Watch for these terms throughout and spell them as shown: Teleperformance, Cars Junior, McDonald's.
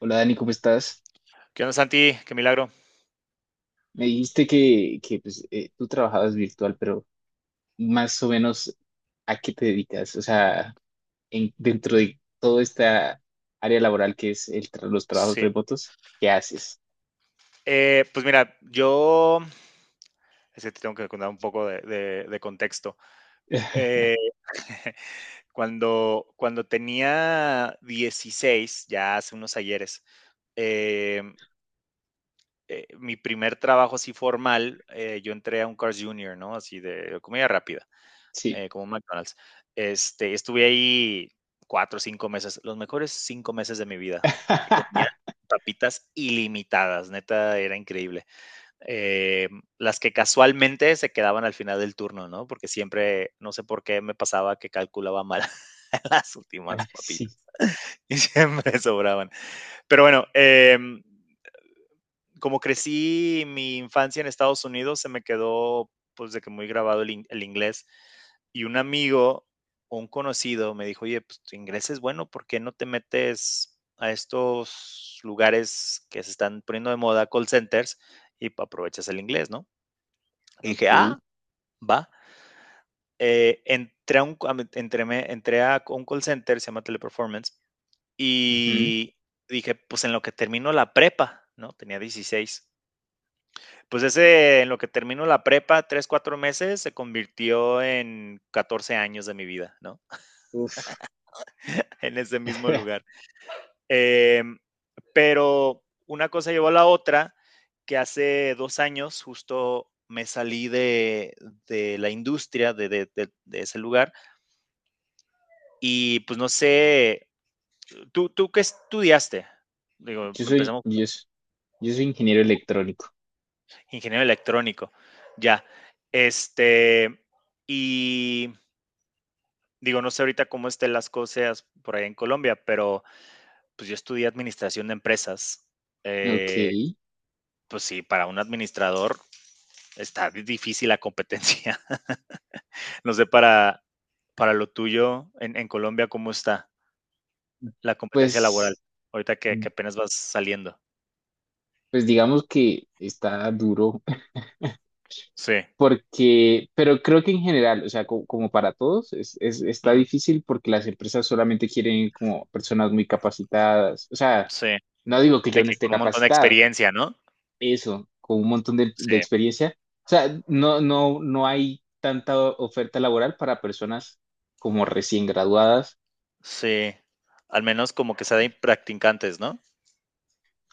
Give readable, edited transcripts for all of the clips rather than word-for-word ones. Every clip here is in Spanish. Hola Dani, ¿cómo estás? ¿Qué onda, Santi? Qué milagro. Me dijiste que tú trabajabas virtual, pero más o menos ¿a qué te dedicas? O sea, dentro de toda esta área laboral que es los trabajos Sí. remotos, ¿qué haces? Pues mira, yo es que te tengo que contar un poco de contexto. Eh, cuando tenía 16, ya hace unos ayeres, eh, mi primer trabajo así formal, yo entré a un Cars Junior, ¿no? Así de comida rápida. Sí. Como un McDonald's. Este, estuve ahí 4 o 5 meses, los mejores 5 meses de mi vida, porque comía papitas ilimitadas, neta, era increíble. Las que casualmente se quedaban al final del turno, ¿no? Porque siempre, no sé por qué me pasaba que calculaba mal las últimas Ah, papitas sí, y siempre sobraban. Pero bueno, como crecí mi infancia en Estados Unidos, se me quedó pues de que muy grabado el inglés. Y un amigo, un conocido, me dijo, oye, pues tu inglés es bueno, ¿por qué no te metes a estos lugares que se están poniendo de moda, call centers, y aprovechas el inglés? ¿No? Y dije, ok. ah, va. Entré a un call center, se llama Teleperformance, Ujú. y dije, pues en lo que termino la prepa, ¿no? Tenía 16. Pues ese, en lo que termino la prepa, 3 o 4 meses, se convirtió en 14 años de mi vida, ¿no? Uf. En ese mismo lugar. Em, pero una cosa llevó a la otra, que hace 2 años justo me salí de la industria, de ese lugar, y, pues, no sé, ¿tú qué estudiaste? Digo, Yo soy, empezamos yo, s- yo soy ingeniero electrónico. ingeniero electrónico, ya. Este, y digo, no sé ahorita cómo estén las cosas por allá en Colombia, pero pues yo estudié administración de empresas. Ok. Eh, pues sí, para un administrador está difícil la competencia. No sé para lo tuyo en Colombia cómo está la competencia laboral, Pues, ahorita que apenas vas saliendo. pues digamos que está duro. Sí, Pero creo que en general, o sea, como, para todos, está ujú, difícil porque las empresas solamente quieren como personas muy capacitadas. O sea, sí, no digo que de yo no que esté con un montón de capacitado, experiencia, ¿no? eso, con un montón de Sí, experiencia. O sea, no hay tanta oferta laboral para personas como recién graduadas. sí, al menos como que sea de practicantes, ¿no?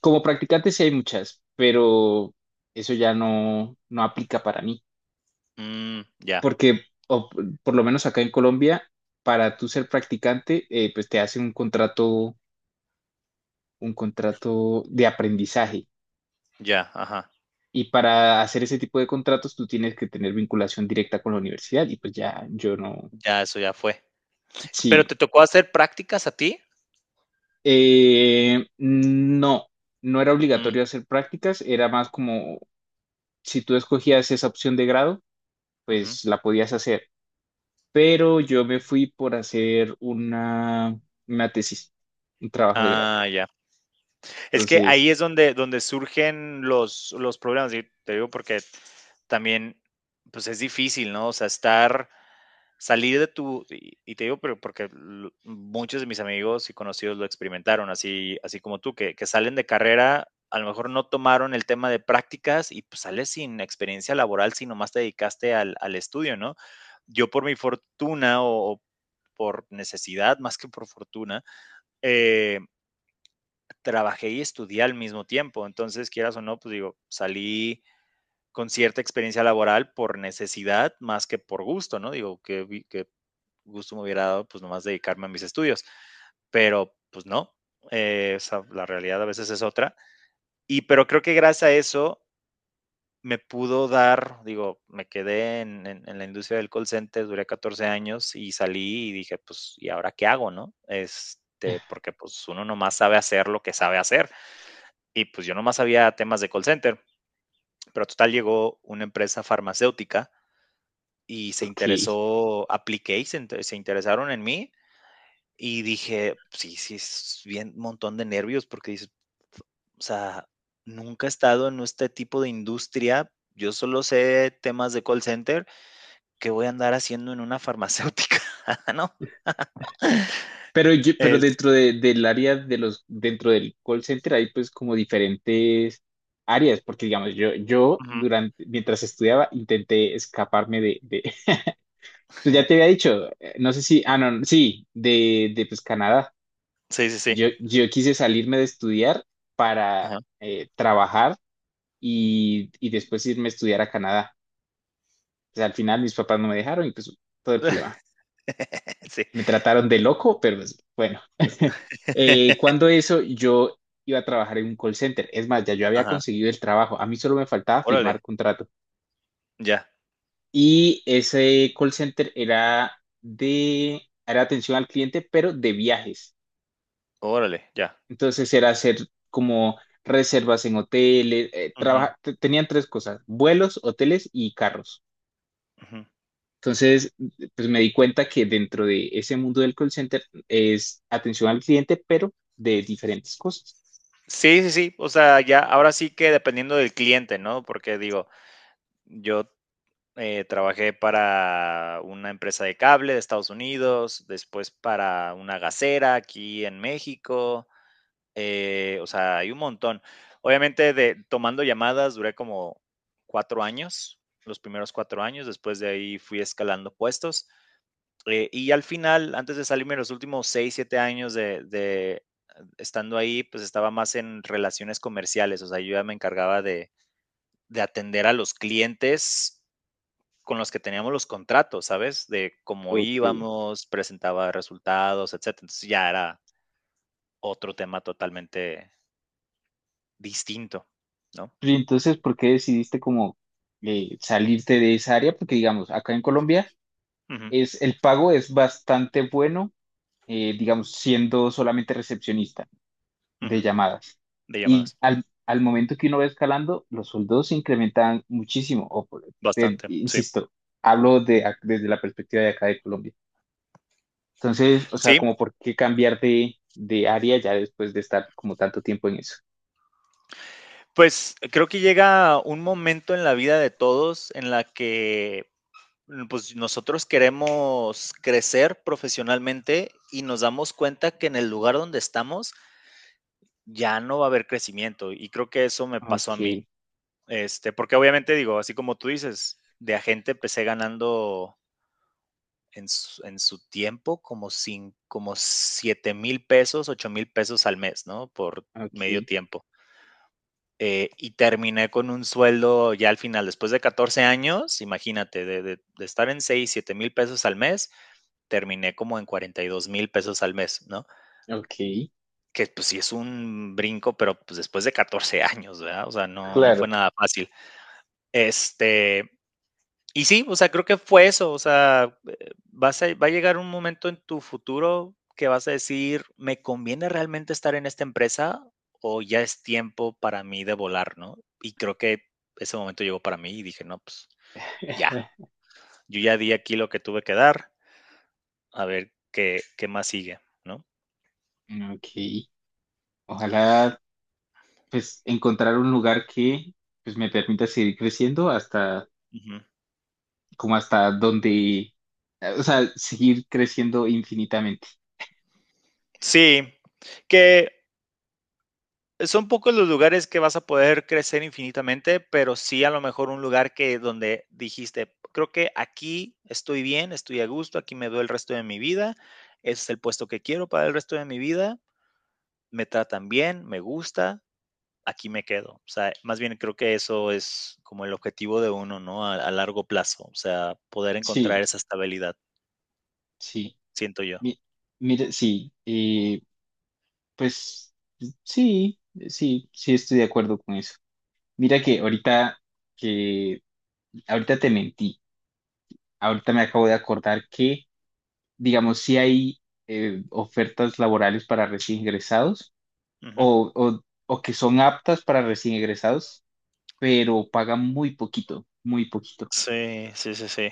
Como practicantes sí hay muchas, pero eso ya no aplica para mí. Mm, ya, Porque o p- por lo menos acá en Colombia, para tú ser practicante, pues te hacen un contrato de aprendizaje. ya, ajá, Y para hacer ese tipo de contratos, tú tienes que tener vinculación directa con la universidad. Y pues ya, yo no. ya, eso ya fue. Sí. ¿Pero te tocó hacer prácticas a ti? No, no era Mm, obligatorio hacer prácticas, era más como si tú escogías esa opción de grado, ujú. pues la podías hacer. Pero yo me fui por hacer una tesis, un trabajo de grado. Ah, ya. Es que Entonces, ahí es donde surgen los problemas, y te digo porque también, pues es difícil, ¿no? O sea, estar, salir de tu, y te digo, pero porque muchos de mis amigos y conocidos lo experimentaron, así, así como tú, que salen de carrera, a lo mejor no tomaron el tema de prácticas y pues sales sin experiencia laboral si nomás te dedicaste al estudio, ¿no? Yo por mi fortuna o, por necesidad más que por fortuna, eh, trabajé y estudié al mismo tiempo. Entonces, quieras o no, pues digo, salí con cierta experiencia laboral por necesidad más que por gusto, ¿no? Digo, qué que gusto me hubiera dado, pues nomás dedicarme a mis estudios, pero pues no, la realidad a veces es otra. Y pero creo que gracias a eso me pudo dar, digo, me quedé en la industria del call center, duré 14 años y salí y dije, pues, ¿y ahora qué hago? ¿No? Este, porque pues uno nomás sabe hacer lo que sabe hacer. Y pues yo nomás sabía temas de call center, pero total llegó una empresa farmacéutica y se ok. interesó, apliqué y se interesaron en mí y dije, sí, sí, es bien un montón de nervios porque dices, o sea, nunca he estado en este tipo de industria. Yo solo sé temas de call center que voy a andar haciendo en una farmacéutica, ¿no? Pero yo, pero Es, dentro del área de los, dentro del call center hay pues como diferentes áreas, porque digamos, yo Ujú. durante, mientras estudiaba intenté escaparme tú ya te había dicho, no sé si, ah, no, sí, de pues Canadá. Sí, sí, sí. Yo quise salirme de estudiar para Ajá. Trabajar y después irme a estudiar a Canadá. Pues al final mis papás no me dejaron y pues todo el problema. Sí. Me trataron de loco, pero pues, bueno. Cuando eso, yo iba a trabajar en un call center. Es más, ya yo había Ajá. conseguido el trabajo. A mí solo me faltaba firmar Órale, contrato. ya. Y ese call center era de, era atención al cliente, pero de viajes. Órale, ya. Entonces era hacer como reservas en hoteles. Eh, Ujú, tenían tres cosas: vuelos, hoteles y carros. ujú. Entonces, pues me di cuenta que dentro de ese mundo del call center es atención al cliente, pero de diferentes cosas. Sí, sí, sí. O sea, ya ahora sí que dependiendo del cliente, ¿no? Porque digo, yo trabajé para una empresa de cable de Estados Unidos, después para una gasera aquí en México, o sea, hay un montón. Obviamente, tomando llamadas duré como 4 años, los primeros 4 años, después de ahí fui escalando puestos. Y al final, antes de salirme, los últimos 6 o 7 años de estando ahí, pues estaba más en relaciones comerciales, o sea, yo ya me encargaba de atender a los clientes con los que teníamos los contratos, ¿sabes? De cómo Ok. íbamos, presentaba resultados, etcétera. Entonces ya era otro tema totalmente distinto, ¿no? Y entonces, ¿por qué decidiste como salirte de esa área? Porque, digamos, acá en Colombia Ujú, es, el pago es bastante bueno, digamos, siendo solamente recepcionista de ujú, llamadas. de Y llamadas. Al momento que uno va escalando, los sueldos se incrementan muchísimo. Bastante, sí. Insisto, hablo de, desde la perspectiva de acá de Colombia. Entonces, o sea, Sí, como por qué cambiar de área ya después de estar como tanto tiempo en eso. pues creo que llega un momento en la vida de todos en la que pues nosotros queremos crecer profesionalmente y nos damos cuenta que en el lugar donde estamos ya no va a haber crecimiento y creo que eso me pasó a Ok, mí. Este, porque obviamente digo, así como tú dices, de agente empecé ganando en su tiempo como, sin, como 7 mil pesos, 8,000 pesos al mes, ¿no? Por medio ok, tiempo. Y terminé con un sueldo ya al final, después de 14 años, imagínate, de estar en 6,000 o 7,000 pesos al mes, terminé como en 42,000 pesos al mes, ¿no? ok, Que pues sí es un brinco, pero pues después de 14 años, ¿verdad? O sea, no, no claro, fue nada fácil. Este, y sí, o sea, creo que fue eso, o sea, vas a va a llegar un momento en tu futuro que vas a decir, ¿me conviene realmente estar en esta empresa o ya es tiempo para mí de volar? ¿No? Y creo que ese momento llegó para mí y dije, no, pues ya, yo ya di aquí lo que tuve que dar, a ver qué más sigue, ¿no? ok. Ojalá pues encontrar un lugar que pues me permita seguir creciendo hasta Ujú. como hasta donde, o sea, seguir creciendo infinitamente. Sí, que son pocos los lugares que vas a poder crecer infinitamente, pero sí a lo mejor un lugar que donde dijiste, creo que aquí estoy bien, estoy a gusto, aquí me veo el resto de mi vida, ese es el puesto que quiero para el resto de mi vida, me tratan bien, me gusta, aquí me quedo. O sea, más bien creo que eso es como el objetivo de uno, ¿no? A largo plazo, o sea, poder encontrar Sí, esa estabilidad, sí. siento yo. Mi- Mira, sí, pues sí, sí estoy de acuerdo con eso. Mira que ahorita que ahorita te mentí. Ahorita me acabo de acordar que, digamos, si hay ofertas laborales para recién ingresados Ujú. o, o, o que son aptas para recién ingresados, pero pagan muy poquito, muy poquito. Sí, sí, sí, sí.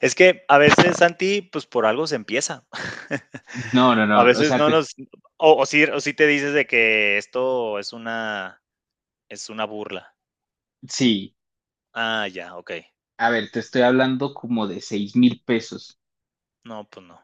Es que a veces, Santi, pues por algo se empieza. No, no, A no. O veces sea, no nos o sí o sí te dices de que esto es una burla. sí. Ah, ya, okey. A ver, te estoy hablando como de 6000 pesos. No, pues no.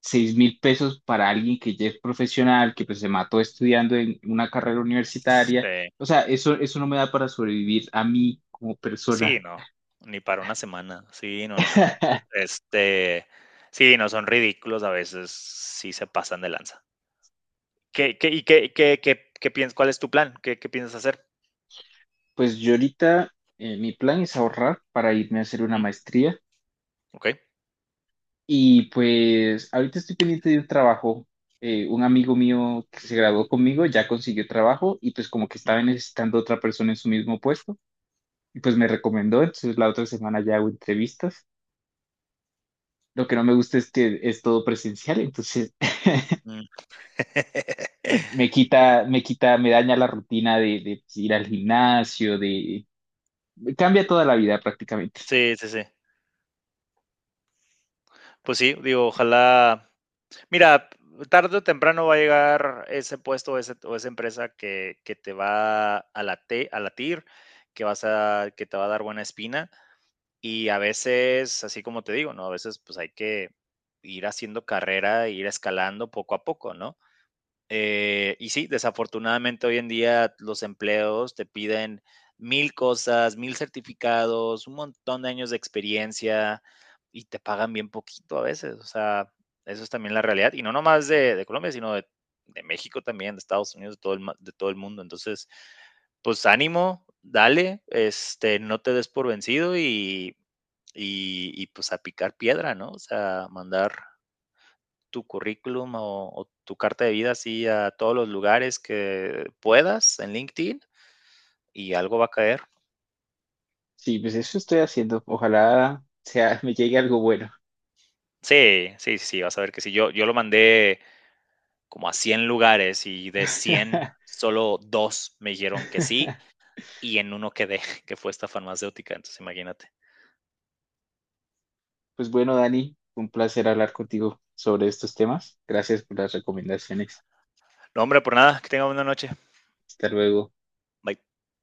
Seis mil pesos para alguien que ya es profesional, que pues se mató estudiando en una carrera universitaria. Sí. O sea, eso no me da para sobrevivir a mí como Sí, persona. no, ni para una semana. Sí, no, no. Este, sí, no, son ridículos a veces, sí se pasan de lanza. ¿Qué qué y qué qué qué qué piensas? ¿Cuál es tu plan? ¿Qué piensas hacer? Pues yo ahorita mi plan es ahorrar para irme a hacer una Ujú, maestría okey. y pues ahorita estoy pendiente de un trabajo. Un amigo mío que se graduó conmigo ya consiguió trabajo y pues como que estaba Ujú, necesitando otra persona en su mismo puesto y pues me recomendó, entonces la otra semana ya hago entrevistas. Lo que no me gusta es que es todo presencial, entonces mm. Me quita, me daña la rutina de ir al gimnasio, de... Cambia toda la vida prácticamente. Sí, sí, sí. Pues sí, digo, ojalá mira, tarde o temprano va a llegar ese puesto o ese o esa empresa que te va a late a latir, que vas a que te va a dar buena espina. Y a veces, así como te digo, ¿no? A veces, pues, hay que ir haciendo carrera, ir escalando poco a poco, ¿no? Y sí, desafortunadamente hoy en día los empleos te piden mil cosas, mil certificados, un montón de años de experiencia y te pagan bien poquito a veces. O sea, eso es también la realidad. Y no nomás de Colombia, sino México también, de Estados Unidos, de todo el mundo. Entonces, pues ánimo, dale, este, no te des por vencido y pues a picar piedra, ¿no? O sea, mandar tu currículum o tu carta de vida así a todos los lugares que puedas en LinkedIn y algo va a caer. Sí, pues eso estoy haciendo. Ojalá sea, me llegue algo bueno. Sí, sí, sí, vas a ver que sí. Yo lo mandé como a 100 lugares y de 100 solo dos me dijeron que sí y en uno quedé, que fue esta farmacéutica. Entonces, imagínate. Pues bueno, Dani, un placer hablar contigo sobre estos temas. Gracias por las recomendaciones. No, hombre, por nada, que tenga buena noche. Hasta luego. Bye.